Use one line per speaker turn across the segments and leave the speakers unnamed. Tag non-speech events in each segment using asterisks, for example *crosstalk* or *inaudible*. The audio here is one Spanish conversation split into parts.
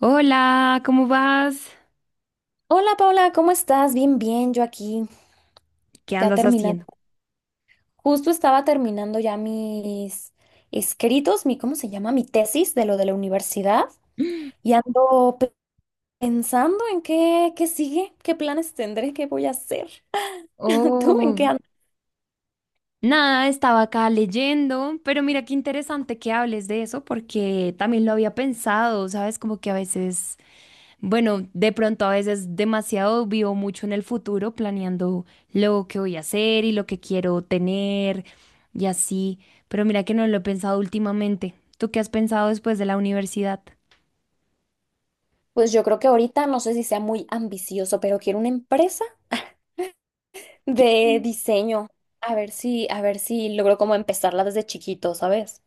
Hola, ¿cómo vas?
Hola Paula, ¿cómo estás? Bien, bien, yo aquí
¿Qué
ya
andas haciendo?
terminando. Justo estaba terminando ya mis escritos, mi, ¿cómo se llama? Mi tesis de lo de la universidad y ando pensando en qué sigue, qué planes tendré, qué voy a hacer. *laughs* ¿Tú en qué
Oh,
andas?
nada, estaba acá leyendo, pero mira qué interesante que hables de eso porque también lo había pensado, ¿sabes? Como que a veces, bueno, de pronto a veces demasiado vivo mucho en el futuro planeando lo que voy a hacer y lo que quiero tener y así, pero mira que no lo he pensado últimamente. ¿Tú qué has pensado después de la universidad?
Pues yo creo que ahorita no sé si sea muy ambicioso, pero quiero una empresa de diseño. A ver si logro como empezarla desde chiquito, ¿sabes?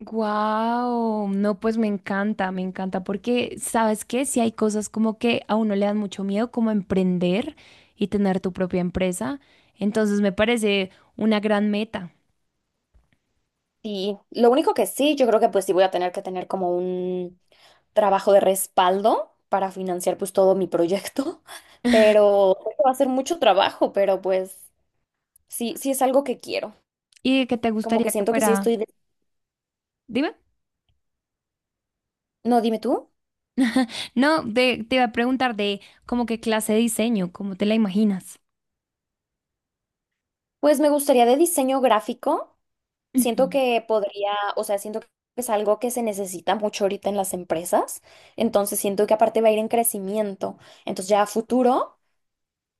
Wow, no, pues me encanta, porque sabes que si hay cosas como que a uno le dan mucho miedo, como emprender y tener tu propia empresa, entonces me parece una gran meta.
Y lo único que sí, yo creo que pues sí voy a tener que tener como un trabajo de respaldo para financiar pues todo mi proyecto. *laughs*
*laughs*
Pero creo que va a ser mucho trabajo, pero pues sí, sí es algo que quiero,
¿Y de qué te
como que
gustaría que
siento que sí
fuera?
estoy.
Dime.
No, dime tú.
No, te iba a preguntar de como qué clase de diseño, cómo te la imaginas.
Pues me gustaría de diseño gráfico,
Ujú.
siento que podría, o sea, siento que es algo que se necesita mucho ahorita en las empresas, entonces siento que aparte va a ir en crecimiento, entonces ya a futuro.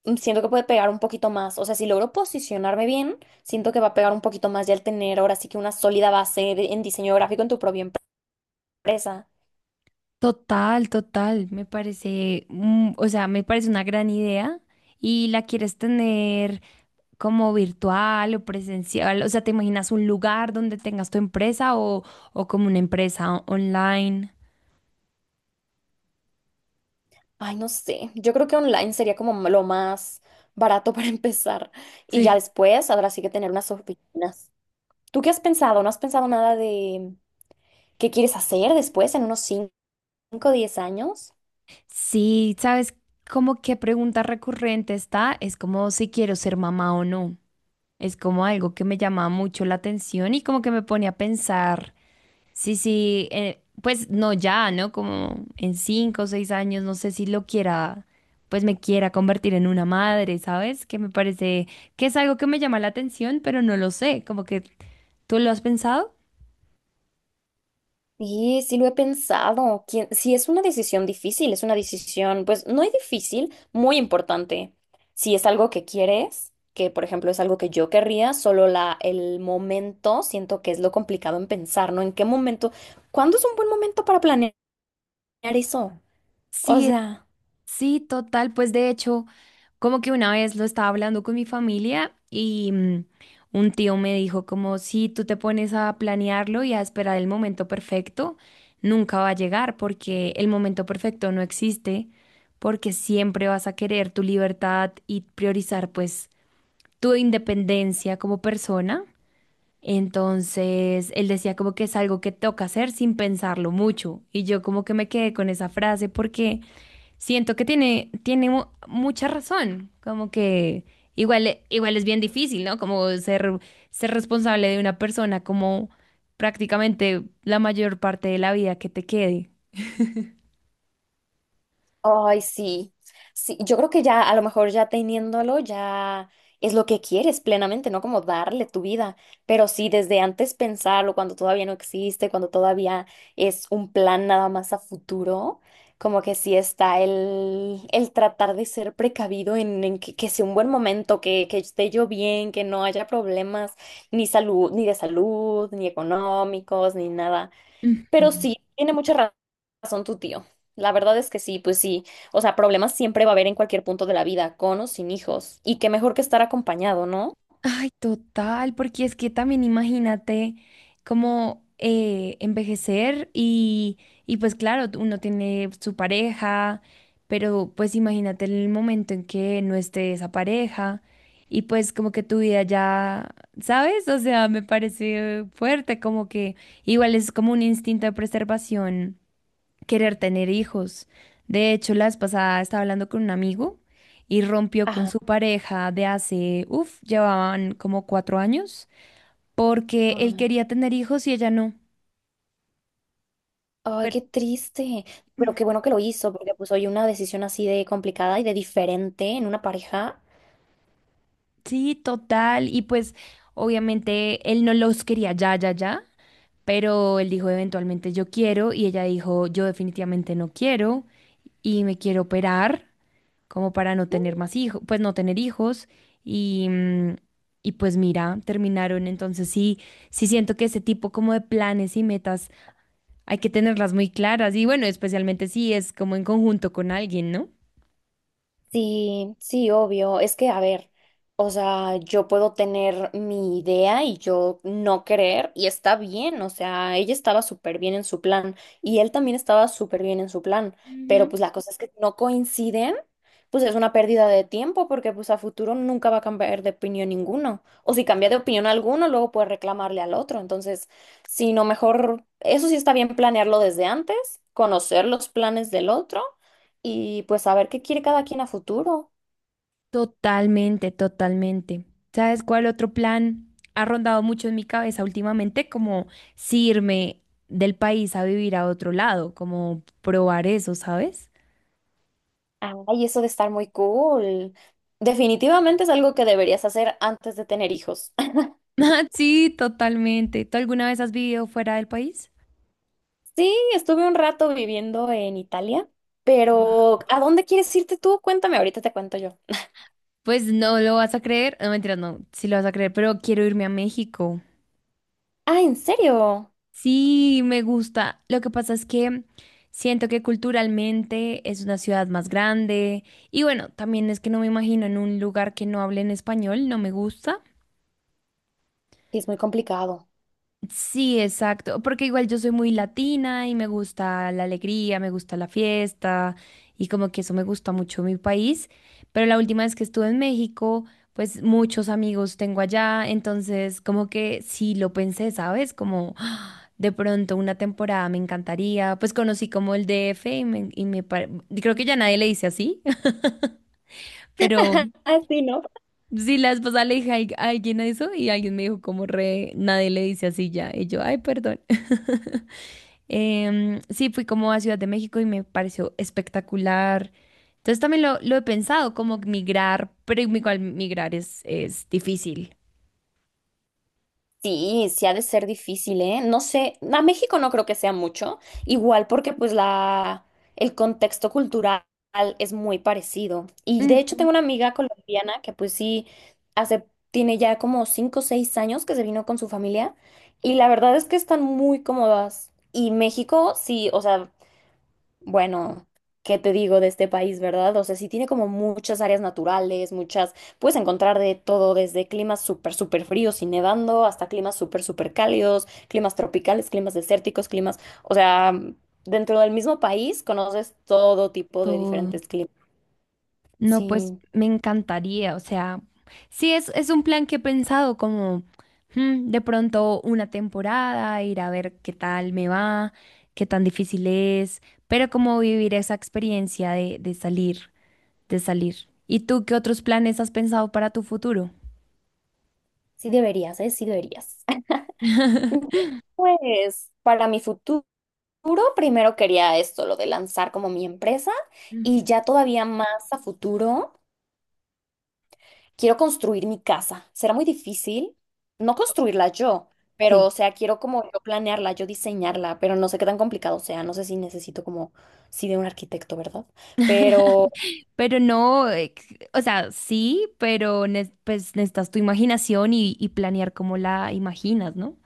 Siento que puede pegar un poquito más. O sea, si logro posicionarme bien, siento que va a pegar un poquito más ya al tener ahora sí que una sólida en diseño gráfico en tu propia empresa.
Total, total, me parece, o sea, me parece una gran idea y la quieres tener. ¿Como virtual o presencial? O sea, ¿te imaginas un lugar donde tengas tu empresa o como una empresa online?
Ay, no sé. Yo creo que online sería como lo más barato *laughs* para empezar. Y ya
Sí.
después habrá sí que tener unas oficinas. ¿Tú qué has pensado? ¿No has pensado nada de qué quieres hacer después en unos 5, o 10 años?
Sí, ¿sabes? Como qué pregunta recurrente está, es como si quiero ser mamá o no. Es como algo que me llama mucho la atención y como que me pone a pensar. Sí, sí, pues no ya, ¿no? Como en cinco o seis años, no sé si lo quiera, pues me quiera convertir en una madre, ¿sabes? Que me parece que es algo que me llama la atención, pero no lo sé, como que ¿tú lo has pensado?
Sí, sí lo he pensado. Sí, es una decisión difícil, es una decisión, pues no es difícil, muy importante. Si es algo que quieres, que por ejemplo es algo que yo querría, solo la, el momento siento que es lo complicado en pensar, ¿no? ¿En qué momento? ¿Cuándo es un buen momento para planear eso? O
Sí,
sea.
sí, total, pues de hecho, como que una vez lo estaba hablando con mi familia y un tío me dijo como si tú te pones a planearlo y a esperar el momento perfecto, nunca va a llegar porque el momento perfecto no existe, porque siempre vas a querer tu libertad y priorizar pues tu independencia como persona. Entonces, él decía como que es algo que toca hacer sin pensarlo mucho y yo como que me quedé con esa frase porque siento que tiene, mucha razón, como que igual, igual es bien difícil, ¿no? Como ser, ser responsable de una persona como prácticamente la mayor parte de la vida que te quede.
Ay, sí. Sí, yo creo que ya, a lo mejor ya teniéndolo, ya es lo que quieres plenamente, ¿no? Como darle tu vida. Pero sí, desde antes pensarlo, cuando todavía no existe, cuando todavía es un plan nada más a futuro, como que sí está el tratar de ser precavido en que sea un buen momento, que esté yo bien, que no haya problemas, ni salud, ni de salud, ni económicos, ni nada. Pero
Ujú.
sí, tiene mucha razón tu tío. La verdad es que sí, pues sí. O sea, problemas siempre va a haber en cualquier punto de la vida, con o sin hijos. Y qué mejor que estar acompañado, ¿no?
Ay, total, porque es que también imagínate como envejecer y pues claro, uno tiene su pareja, pero pues imagínate el momento en que no esté esa pareja y pues como que tu vida ya, ¿sabes? O sea, me parece fuerte, como que igual es como un instinto de preservación querer tener hijos. De hecho, la vez pasada estaba hablando con un amigo y rompió con
Ajá.
su pareja de hace, uff, llevaban como cuatro años, porque él
Ay,
quería tener hijos y ella no.
ay,
Pero
qué triste. Pero
mm,
qué bueno que lo hizo, porque pues hoy una decisión así de complicada y de diferente en una pareja.
sí, total. Y pues, obviamente, él no los quería ya, ya, ya. Pero él dijo, eventualmente yo quiero, y ella dijo, yo definitivamente no quiero, y me quiero operar, como para no tener más hijos, pues no tener hijos y, y pues mira, terminaron. Entonces sí, sí siento que ese tipo como de planes y metas hay que tenerlas muy claras y bueno, especialmente si es como en conjunto con alguien, ¿no?
Sí, sí, obvio. Es que, a ver, o sea, yo puedo tener mi idea y yo no creer y está bien, o sea, ella estaba súper bien en su plan y él también estaba súper bien en su plan, pero
Ujú.
pues la cosa es que si no coinciden, pues es una pérdida de tiempo porque pues a futuro nunca va a cambiar de opinión ninguno. O si cambia de opinión alguno, luego puede reclamarle al otro. Entonces, si no, mejor, eso sí está bien planearlo desde antes, conocer los planes del otro y pues saber qué quiere cada quien a futuro.
Totalmente, totalmente. ¿Sabes cuál otro plan ha rondado mucho en mi cabeza últimamente? Como si irme del país a vivir a otro lado, como probar eso, ¿sabes?
Ay, eso de estar muy cool. Definitivamente es algo que deberías hacer antes de tener hijos. *laughs*
*laughs* Sí, totalmente. ¿Tú alguna vez has vivido fuera del país?
Sí, estuve un rato viviendo en Italia,
Guau.
pero ¿a dónde quieres irte tú? Cuéntame, ahorita te cuento yo.
Pues no lo vas a creer, no mentira, no, sí lo vas a creer, pero quiero irme a México.
Ah, ¿en serio?
Sí, me gusta. Lo que pasa es que siento que culturalmente es una ciudad más grande y bueno, también es que no me imagino en un lugar que no hable en español, no me gusta.
Sí, es muy complicado.
Sí, exacto, porque igual yo soy muy latina y me gusta la alegría, me gusta la fiesta y como que eso me gusta mucho mi país, pero la última vez que estuve en México, pues muchos amigos tengo allá, entonces como que sí lo pensé, ¿sabes? Como "Ah, de pronto una temporada me encantaría, pues conocí como el DF y me, y creo que ya nadie le dice así", *laughs* pero
*laughs* Ah, sí, ¿no?
sí la esposa le dije a a alguien eso y alguien me dijo como re, nadie le dice así ya, y yo, ay, perdón. *laughs* Sí, fui como a Ciudad de México y me pareció espectacular. Entonces también lo he pensado, como migrar, pero igual migrar es difícil.
Sí, sí ha de ser difícil, ¿eh? No sé, a México no creo que sea mucho, igual porque pues la, el contexto cultural es muy parecido. Y de hecho
Ujú.
tengo una amiga colombiana que pues sí, hace, tiene ya como cinco o seis años que se vino con su familia y la verdad es que están muy cómodas. Y México, sí, o sea, bueno, ¿qué te digo de este país, verdad? O sea, sí tiene como muchas áreas naturales, muchas, puedes encontrar de todo, desde climas súper, súper fríos y nevando, hasta climas súper, súper cálidos, climas tropicales, climas desérticos, climas, o sea, dentro del mismo país conoces todo tipo de
Todo.
diferentes climas.
No, pues
Sí,
me encantaría, o sea, sí es un plan que he pensado como de pronto una temporada, ir a ver qué tal me va, qué tan difícil es, pero como vivir esa experiencia de salir, de salir. ¿Y tú qué otros planes has pensado para tu futuro?
sí deberías, ¿eh? Sí deberías.
*laughs*
*laughs* Pues para mi futuro, primero quería esto, lo de lanzar como mi empresa y ya
Ujú.
todavía más a futuro. Quiero construir mi casa. Será muy difícil no construirla yo, pero
Sí,
o sea, quiero como yo planearla, yo diseñarla, pero no sé qué tan complicado sea, no sé si necesito como sí de un arquitecto, ¿verdad? Pero
pero no, o sea, sí, pero pues necesitas tu imaginación y planear cómo la imaginas, ¿no?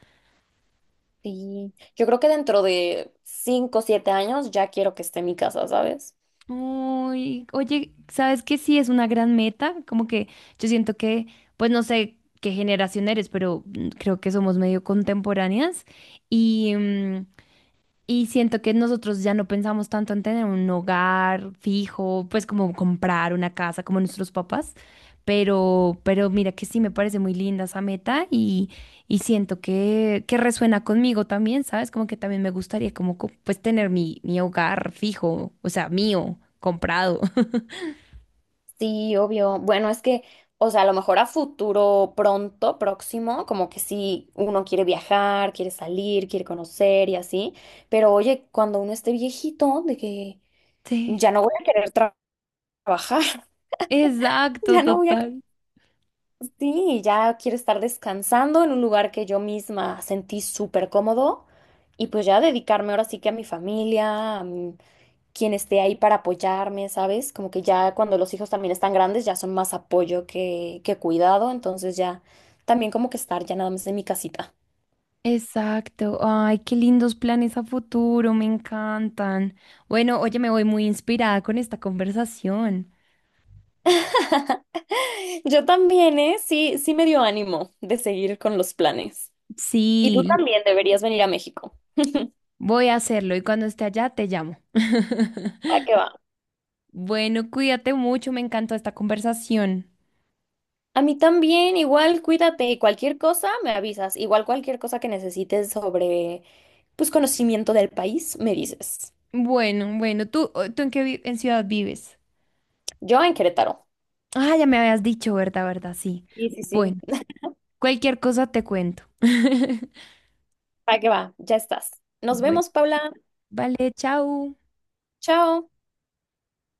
sí, yo creo que dentro de cinco o siete años ya quiero que esté mi casa, ¿sabes?
Uy, oye, ¿sabes qué? Sí, es una gran meta, como que yo siento que, pues no sé qué generación eres, pero creo que somos medio contemporáneas y, y siento que nosotros ya no pensamos tanto en tener un hogar fijo, pues como comprar una casa como nuestros papás, pero mira que sí me parece muy linda esa meta y siento que resuena conmigo también, ¿sabes? Como que también me gustaría como pues tener mi, mi hogar fijo, o sea, mío, comprado. *laughs*
Sí, obvio. Bueno, es que, o sea, a lo mejor a futuro pronto, próximo, como que sí, uno quiere viajar, quiere salir, quiere conocer y así, pero oye, cuando uno esté viejito, de que
Sí,
ya no voy a querer trabajar. *laughs*
exacto,
Ya no voy a,
total.
sí, ya quiero estar descansando en un lugar que yo misma sentí súper cómodo y pues ya dedicarme ahora sí que a mi familia, a quien esté ahí para apoyarme, ¿sabes? Como que ya cuando los hijos también están grandes ya son más apoyo que cuidado, entonces ya también como que estar ya nada más en mi casita.
Exacto. Ay, qué lindos planes a futuro, me encantan. Bueno, oye, me voy muy inspirada con esta conversación.
*laughs* Yo también, ¿eh? Sí, sí me dio ánimo de seguir con los planes. Y tú
Sí,
también deberías venir a México.
voy a hacerlo y cuando esté allá te llamo. *laughs*
¿Para qué va?
Bueno, cuídate mucho, me encantó esta conversación.
A mí también, igual cuídate y cualquier cosa me avisas. Igual cualquier cosa que necesites sobre, pues, conocimiento del país, me dices.
Bueno, bueno, ¿tú, tú en qué en ciudad vives?
Yo en Querétaro.
Ah, ya me habías dicho, ¿verdad? ¿Verdad? Sí.
Sí, sí, sí.
Bueno, cualquier cosa te cuento. *laughs*
Para qué va, ya estás. Nos
Bueno,
vemos, Paula.
vale, chao.
Chao.